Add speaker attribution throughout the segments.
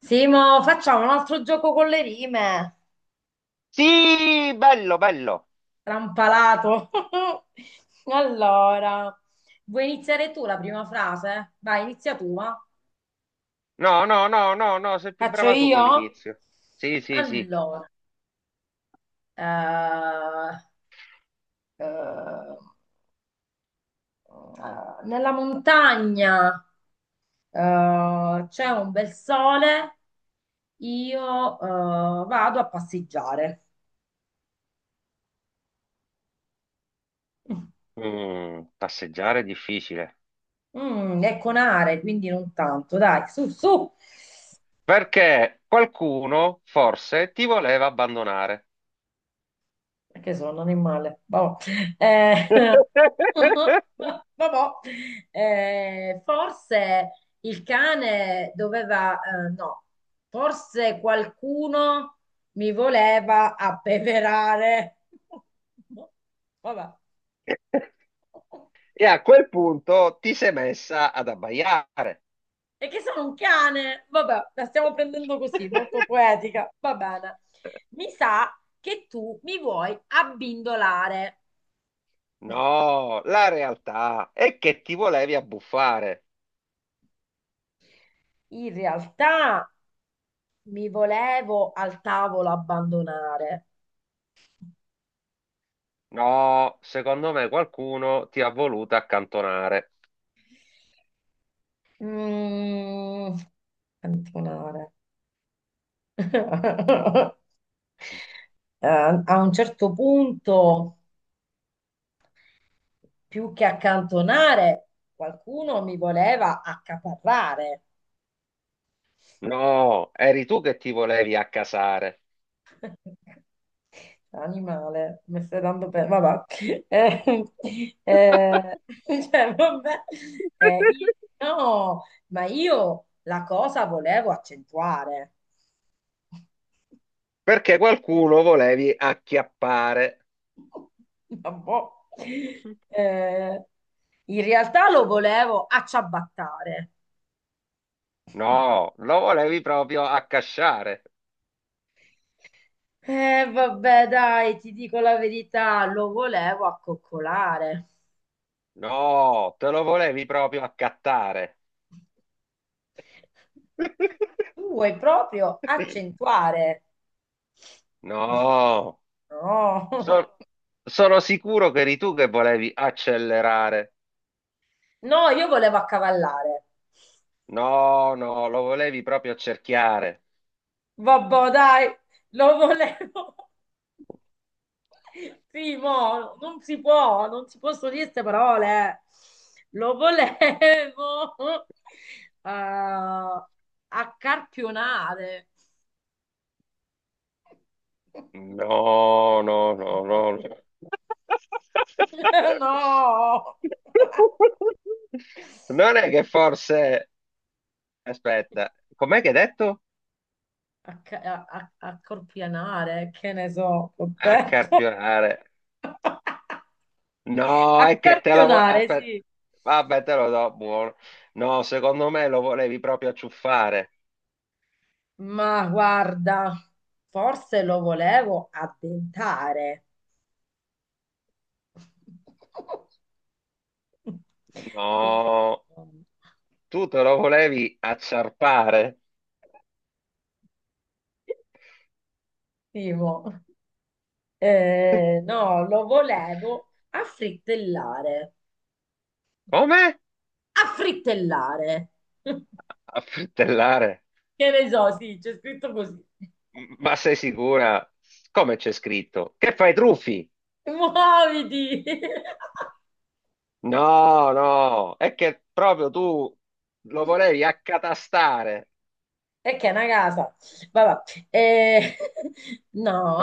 Speaker 1: Simo, facciamo un altro gioco con le rime.
Speaker 2: Sì, bello, bello.
Speaker 1: Trampalato. Allora, vuoi iniziare tu la prima frase? Vai, inizia tu, va.
Speaker 2: No, no, no, no, no, sei più
Speaker 1: Faccio
Speaker 2: brava tu con
Speaker 1: io?
Speaker 2: l'inizio. Sì, sì, sì.
Speaker 1: Allora, eh, eh, nella montagna c'è un bel sole, io vado a passeggiare.
Speaker 2: Mm, passeggiare è difficile.
Speaker 1: Mm, è con are, quindi non tanto, dai, su, su.
Speaker 2: Perché qualcuno forse ti voleva abbandonare.
Speaker 1: Perché sono un animale. Vabbò. Eh, vabbò. Forse il cane doveva, no, forse qualcuno mi voleva appeverare. Vabbè.
Speaker 2: E a quel punto ti sei messa ad abbaiare.
Speaker 1: E che sono un cane. Vabbè, la stiamo prendendo così, molto poetica. Va bene. Mi sa che tu mi vuoi abbindolare.
Speaker 2: No, la realtà è che ti volevi abbuffare.
Speaker 1: In realtà. Mi volevo al tavolo abbandonare.
Speaker 2: No, secondo me qualcuno ti ha voluto accantonare.
Speaker 1: Mm, abbandonare. Eh, a un certo punto, più che accantonare, qualcuno mi voleva accaparrare.
Speaker 2: No, eri tu che ti volevi accasare.
Speaker 1: Animale, mi stai dando per... Vabbè. Eh, eh, cioè, vabbè. No, ma io la cosa volevo accentuare.
Speaker 2: Perché qualcuno volevi acchiappare.
Speaker 1: Vabbò. Eh, in realtà lo volevo acciabattare.
Speaker 2: No, lo volevi proprio accasciare.
Speaker 1: Vabbè, dai, ti dico la verità, lo volevo accoccolare.
Speaker 2: No, te lo volevi proprio accattare.
Speaker 1: Tu vuoi proprio accentuare.
Speaker 2: No,
Speaker 1: No,
Speaker 2: so- sono sicuro che eri tu che volevi accelerare.
Speaker 1: no, io volevo accavallare.
Speaker 2: No, no, lo volevi proprio accerchiare.
Speaker 1: Vabbè, dai, lo volevo. Primo, non si possono dire queste parole. Lo volevo a accarpionare.
Speaker 2: No, no, no,
Speaker 1: No.
Speaker 2: no, no.
Speaker 1: No.
Speaker 2: Non è che forse... Aspetta, com'è che hai detto?
Speaker 1: Accorpianare, che ne so, ho detto.
Speaker 2: Accarpionare. No, è che te la vuoi...
Speaker 1: Accarpionare,
Speaker 2: Aspetta,
Speaker 1: sì.
Speaker 2: vabbè, te lo do, buono. No, secondo me lo volevi proprio acciuffare.
Speaker 1: Ma guarda, forse lo volevo addentare. Quindi,
Speaker 2: No, tu te lo volevi acciarpare.
Speaker 1: Timo, no, lo volevo affrittellare.
Speaker 2: Come?
Speaker 1: Affrittellare.
Speaker 2: Affrittellare.
Speaker 1: Che ne so, sì, c'è scritto così.
Speaker 2: Ma sei sicura? Come c'è scritto? Che fai truffi?
Speaker 1: Muoviti!
Speaker 2: No, no, è che proprio tu lo volevi accatastare.
Speaker 1: E che è una casa. Vabbè. Eh,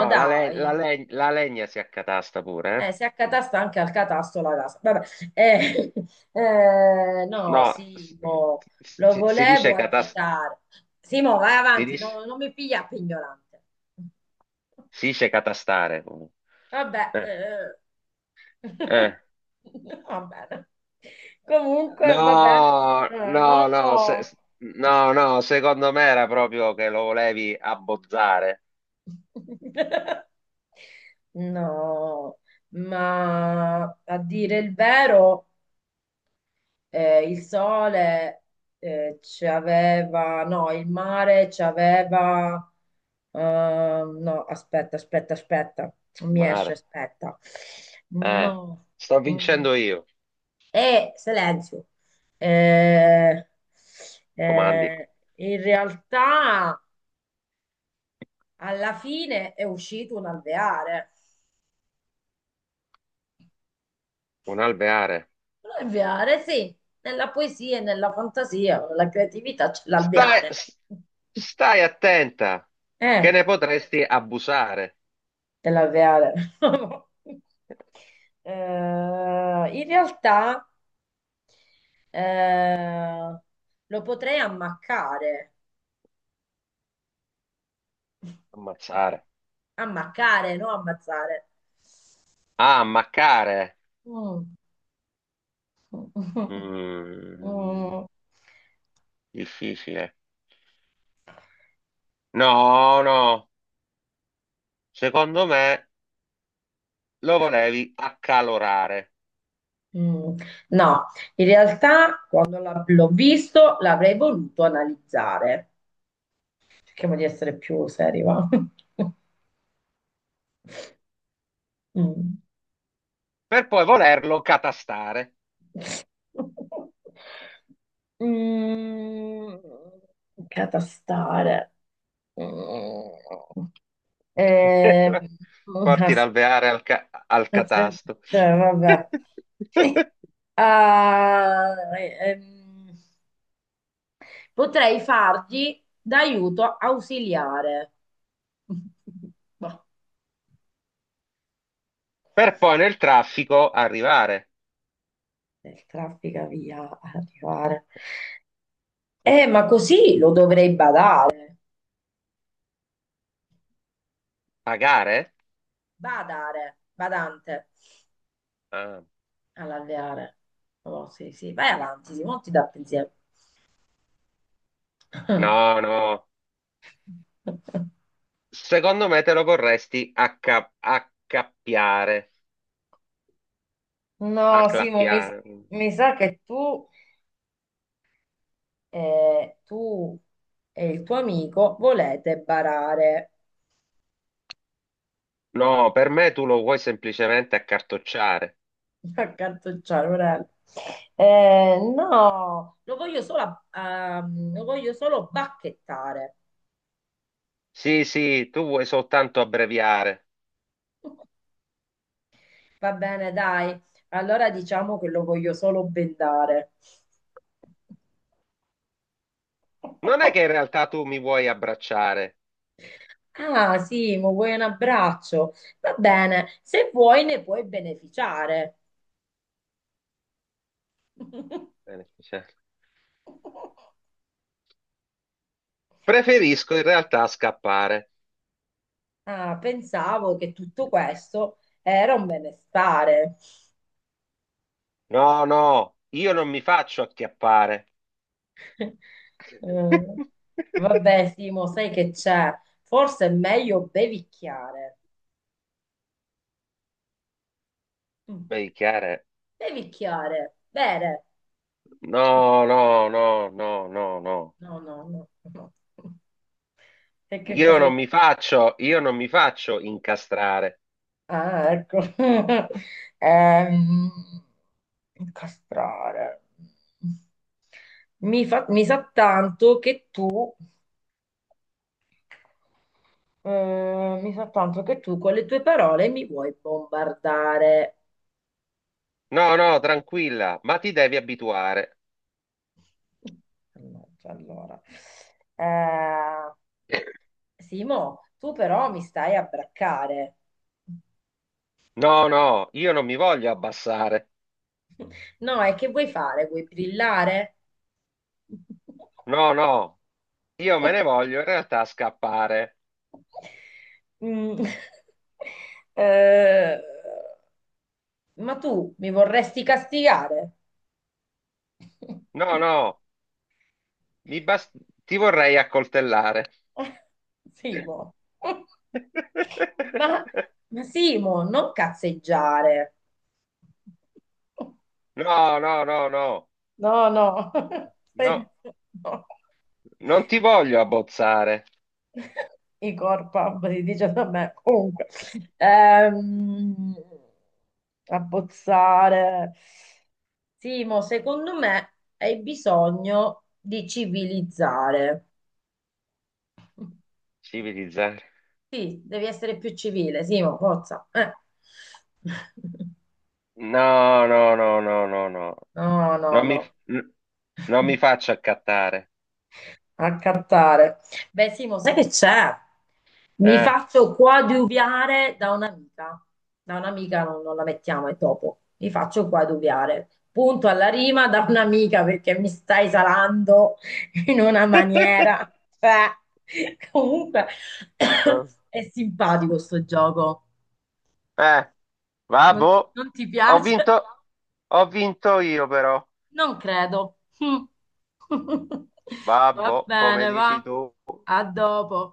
Speaker 2: No, la,
Speaker 1: dai.
Speaker 2: la legna si accatasta pure, eh?
Speaker 1: Si accatasta anche al catasto la casa. Vabbè. Eh, no,
Speaker 2: No, si,
Speaker 1: Simo, lo
Speaker 2: si
Speaker 1: volevo
Speaker 2: dice
Speaker 1: agitare. Simo, vai
Speaker 2: si
Speaker 1: avanti,
Speaker 2: dice,
Speaker 1: non mi piglia per ignorante.
Speaker 2: si dice catastare.
Speaker 1: Vabbè.
Speaker 2: Eh, eh.
Speaker 1: Va bene. Comunque, va bene.
Speaker 2: No, no, no,
Speaker 1: No.
Speaker 2: no, no, secondo me era proprio che lo volevi abbozzare.
Speaker 1: No, ma a dire il vero, il sole ci aveva, no, il mare ci aveva, no, aspetta, aspetta, aspetta, non
Speaker 2: Il
Speaker 1: mi esce,
Speaker 2: mare.
Speaker 1: aspetta,
Speaker 2: Eh,
Speaker 1: no,
Speaker 2: sto
Speaker 1: mm.
Speaker 2: vincendo io.
Speaker 1: Silenzio. Eh,
Speaker 2: Comandi.
Speaker 1: eh, in realtà alla fine è uscito un alveare.
Speaker 2: Un alveare.
Speaker 1: L'alveare, sì, nella poesia e nella fantasia, nella creatività c'è
Speaker 2: Stai,
Speaker 1: l'alveare.
Speaker 2: s- Stai attenta, che
Speaker 1: Eh,
Speaker 2: ne potresti abusare.
Speaker 1: c'è l'alveare. Eh, in realtà eh, lo potrei ammaccare,
Speaker 2: Ammazzare.
Speaker 1: ammaccare, non ammazzare.
Speaker 2: Ah, ammaccare.
Speaker 1: Mm.
Speaker 2: Mm,
Speaker 1: Mm.
Speaker 2: difficile. No, no. Secondo me lo volevi accalorare,
Speaker 1: Mm. No, in realtà quando l'ho visto l'avrei voluto analizzare. Cerchiamo di essere più seri, va? Mm.
Speaker 2: per poi volerlo catastare.
Speaker 1: Mm, catastare. Mm. Eh,
Speaker 2: Porti
Speaker 1: as-
Speaker 2: l'alveare al, al
Speaker 1: cioè,
Speaker 2: catasto.
Speaker 1: vabbè. Ah, ehm, potrei fargli d'aiuto ausiliare. Boh,
Speaker 2: Per poi nel traffico arrivare.
Speaker 1: del traffica via ad arrivare. Ma così lo dovrei badare.
Speaker 2: Pagare?
Speaker 1: Badare, badante.
Speaker 2: Ah.
Speaker 1: All'alveare. Oh, sì, sì, vai avanti, Simo, non ti dà pensiero.
Speaker 2: No, no. Secondo me te lo vorresti accappiare,
Speaker 1: No, Simo,
Speaker 2: acclappiare.
Speaker 1: mi sa che tu, tu e il tuo amico volete barare,
Speaker 2: No, per me tu lo vuoi semplicemente accartocciare.
Speaker 1: accantucciare, Morello. No, lo voglio solo bacchettare.
Speaker 2: Sì, sì, tu vuoi soltanto abbreviare.
Speaker 1: Va bene, dai, allora diciamo che lo voglio solo bendare.
Speaker 2: Non è che in realtà tu mi vuoi abbracciare.
Speaker 1: Ah, Simo, vuoi un abbraccio? Va bene, se vuoi ne puoi beneficiare.
Speaker 2: Bene, cioè, preferisco in realtà scappare.
Speaker 1: Ah, pensavo che tutto questo era un benestare.
Speaker 2: No, no, io non mi faccio acchiappare.
Speaker 1: Mm, vabbè, Simo, sai che c'è? Forse è meglio bevicchiare. Mm,
Speaker 2: Beh, chiaro.
Speaker 1: bevicchiare, bere.
Speaker 2: No, no, no, no, no, no.
Speaker 1: No, no, no, no. E che cosa...
Speaker 2: Io non mi faccio incastrare.
Speaker 1: Ah, ecco. Ehm, incastrare. Mi sa tanto che tu, mi sa tanto che tu con le tue parole mi vuoi bombardare.
Speaker 2: No, no, tranquilla, ma ti devi abituare.
Speaker 1: Mannaggia, allora, eh, Simo, tu però mi stai a braccare.
Speaker 2: No, no, io non mi voglio abbassare.
Speaker 1: No, e che vuoi fare? Vuoi brillare?
Speaker 2: No, no, io me ne voglio in realtà scappare.
Speaker 1: Mm. Eh, ma tu mi vorresti castigare?
Speaker 2: No, no, mi bas- ti vorrei accoltellare.
Speaker 1: Simo. Ma, ma Simo, non cazzeggiare.
Speaker 2: No, no, no, no,
Speaker 1: No, no.
Speaker 2: no,
Speaker 1: Stai- no.
Speaker 2: non ti voglio abbozzare.
Speaker 1: I corpa, si dice da me. Comunque. Ehm, abbozzare. Simo, secondo me hai bisogno di civilizzare.
Speaker 2: Civilizzare.
Speaker 1: Sì, devi essere più civile, Simo, forza.
Speaker 2: No, no, no, no, no, no.
Speaker 1: No, no,
Speaker 2: Non mi...
Speaker 1: no.
Speaker 2: Non mi faccio accattare.
Speaker 1: A cantare. Beh, Simo, sai che c'è? Mi
Speaker 2: Eh.
Speaker 1: faccio coadiuviare da un'amica. Da un'amica non la mettiamo, è dopo. Mi faccio coadiuviare. Punto alla rima da un'amica perché mi stai salando in una maniera. Cioè, comunque è simpatico sto gioco.
Speaker 2: Eh, babbo,
Speaker 1: Non ti
Speaker 2: ho
Speaker 1: piace?
Speaker 2: vinto, ho vinto io però.
Speaker 1: Non credo. Va
Speaker 2: Babbo, come
Speaker 1: bene, va.
Speaker 2: dici tu?
Speaker 1: A dopo.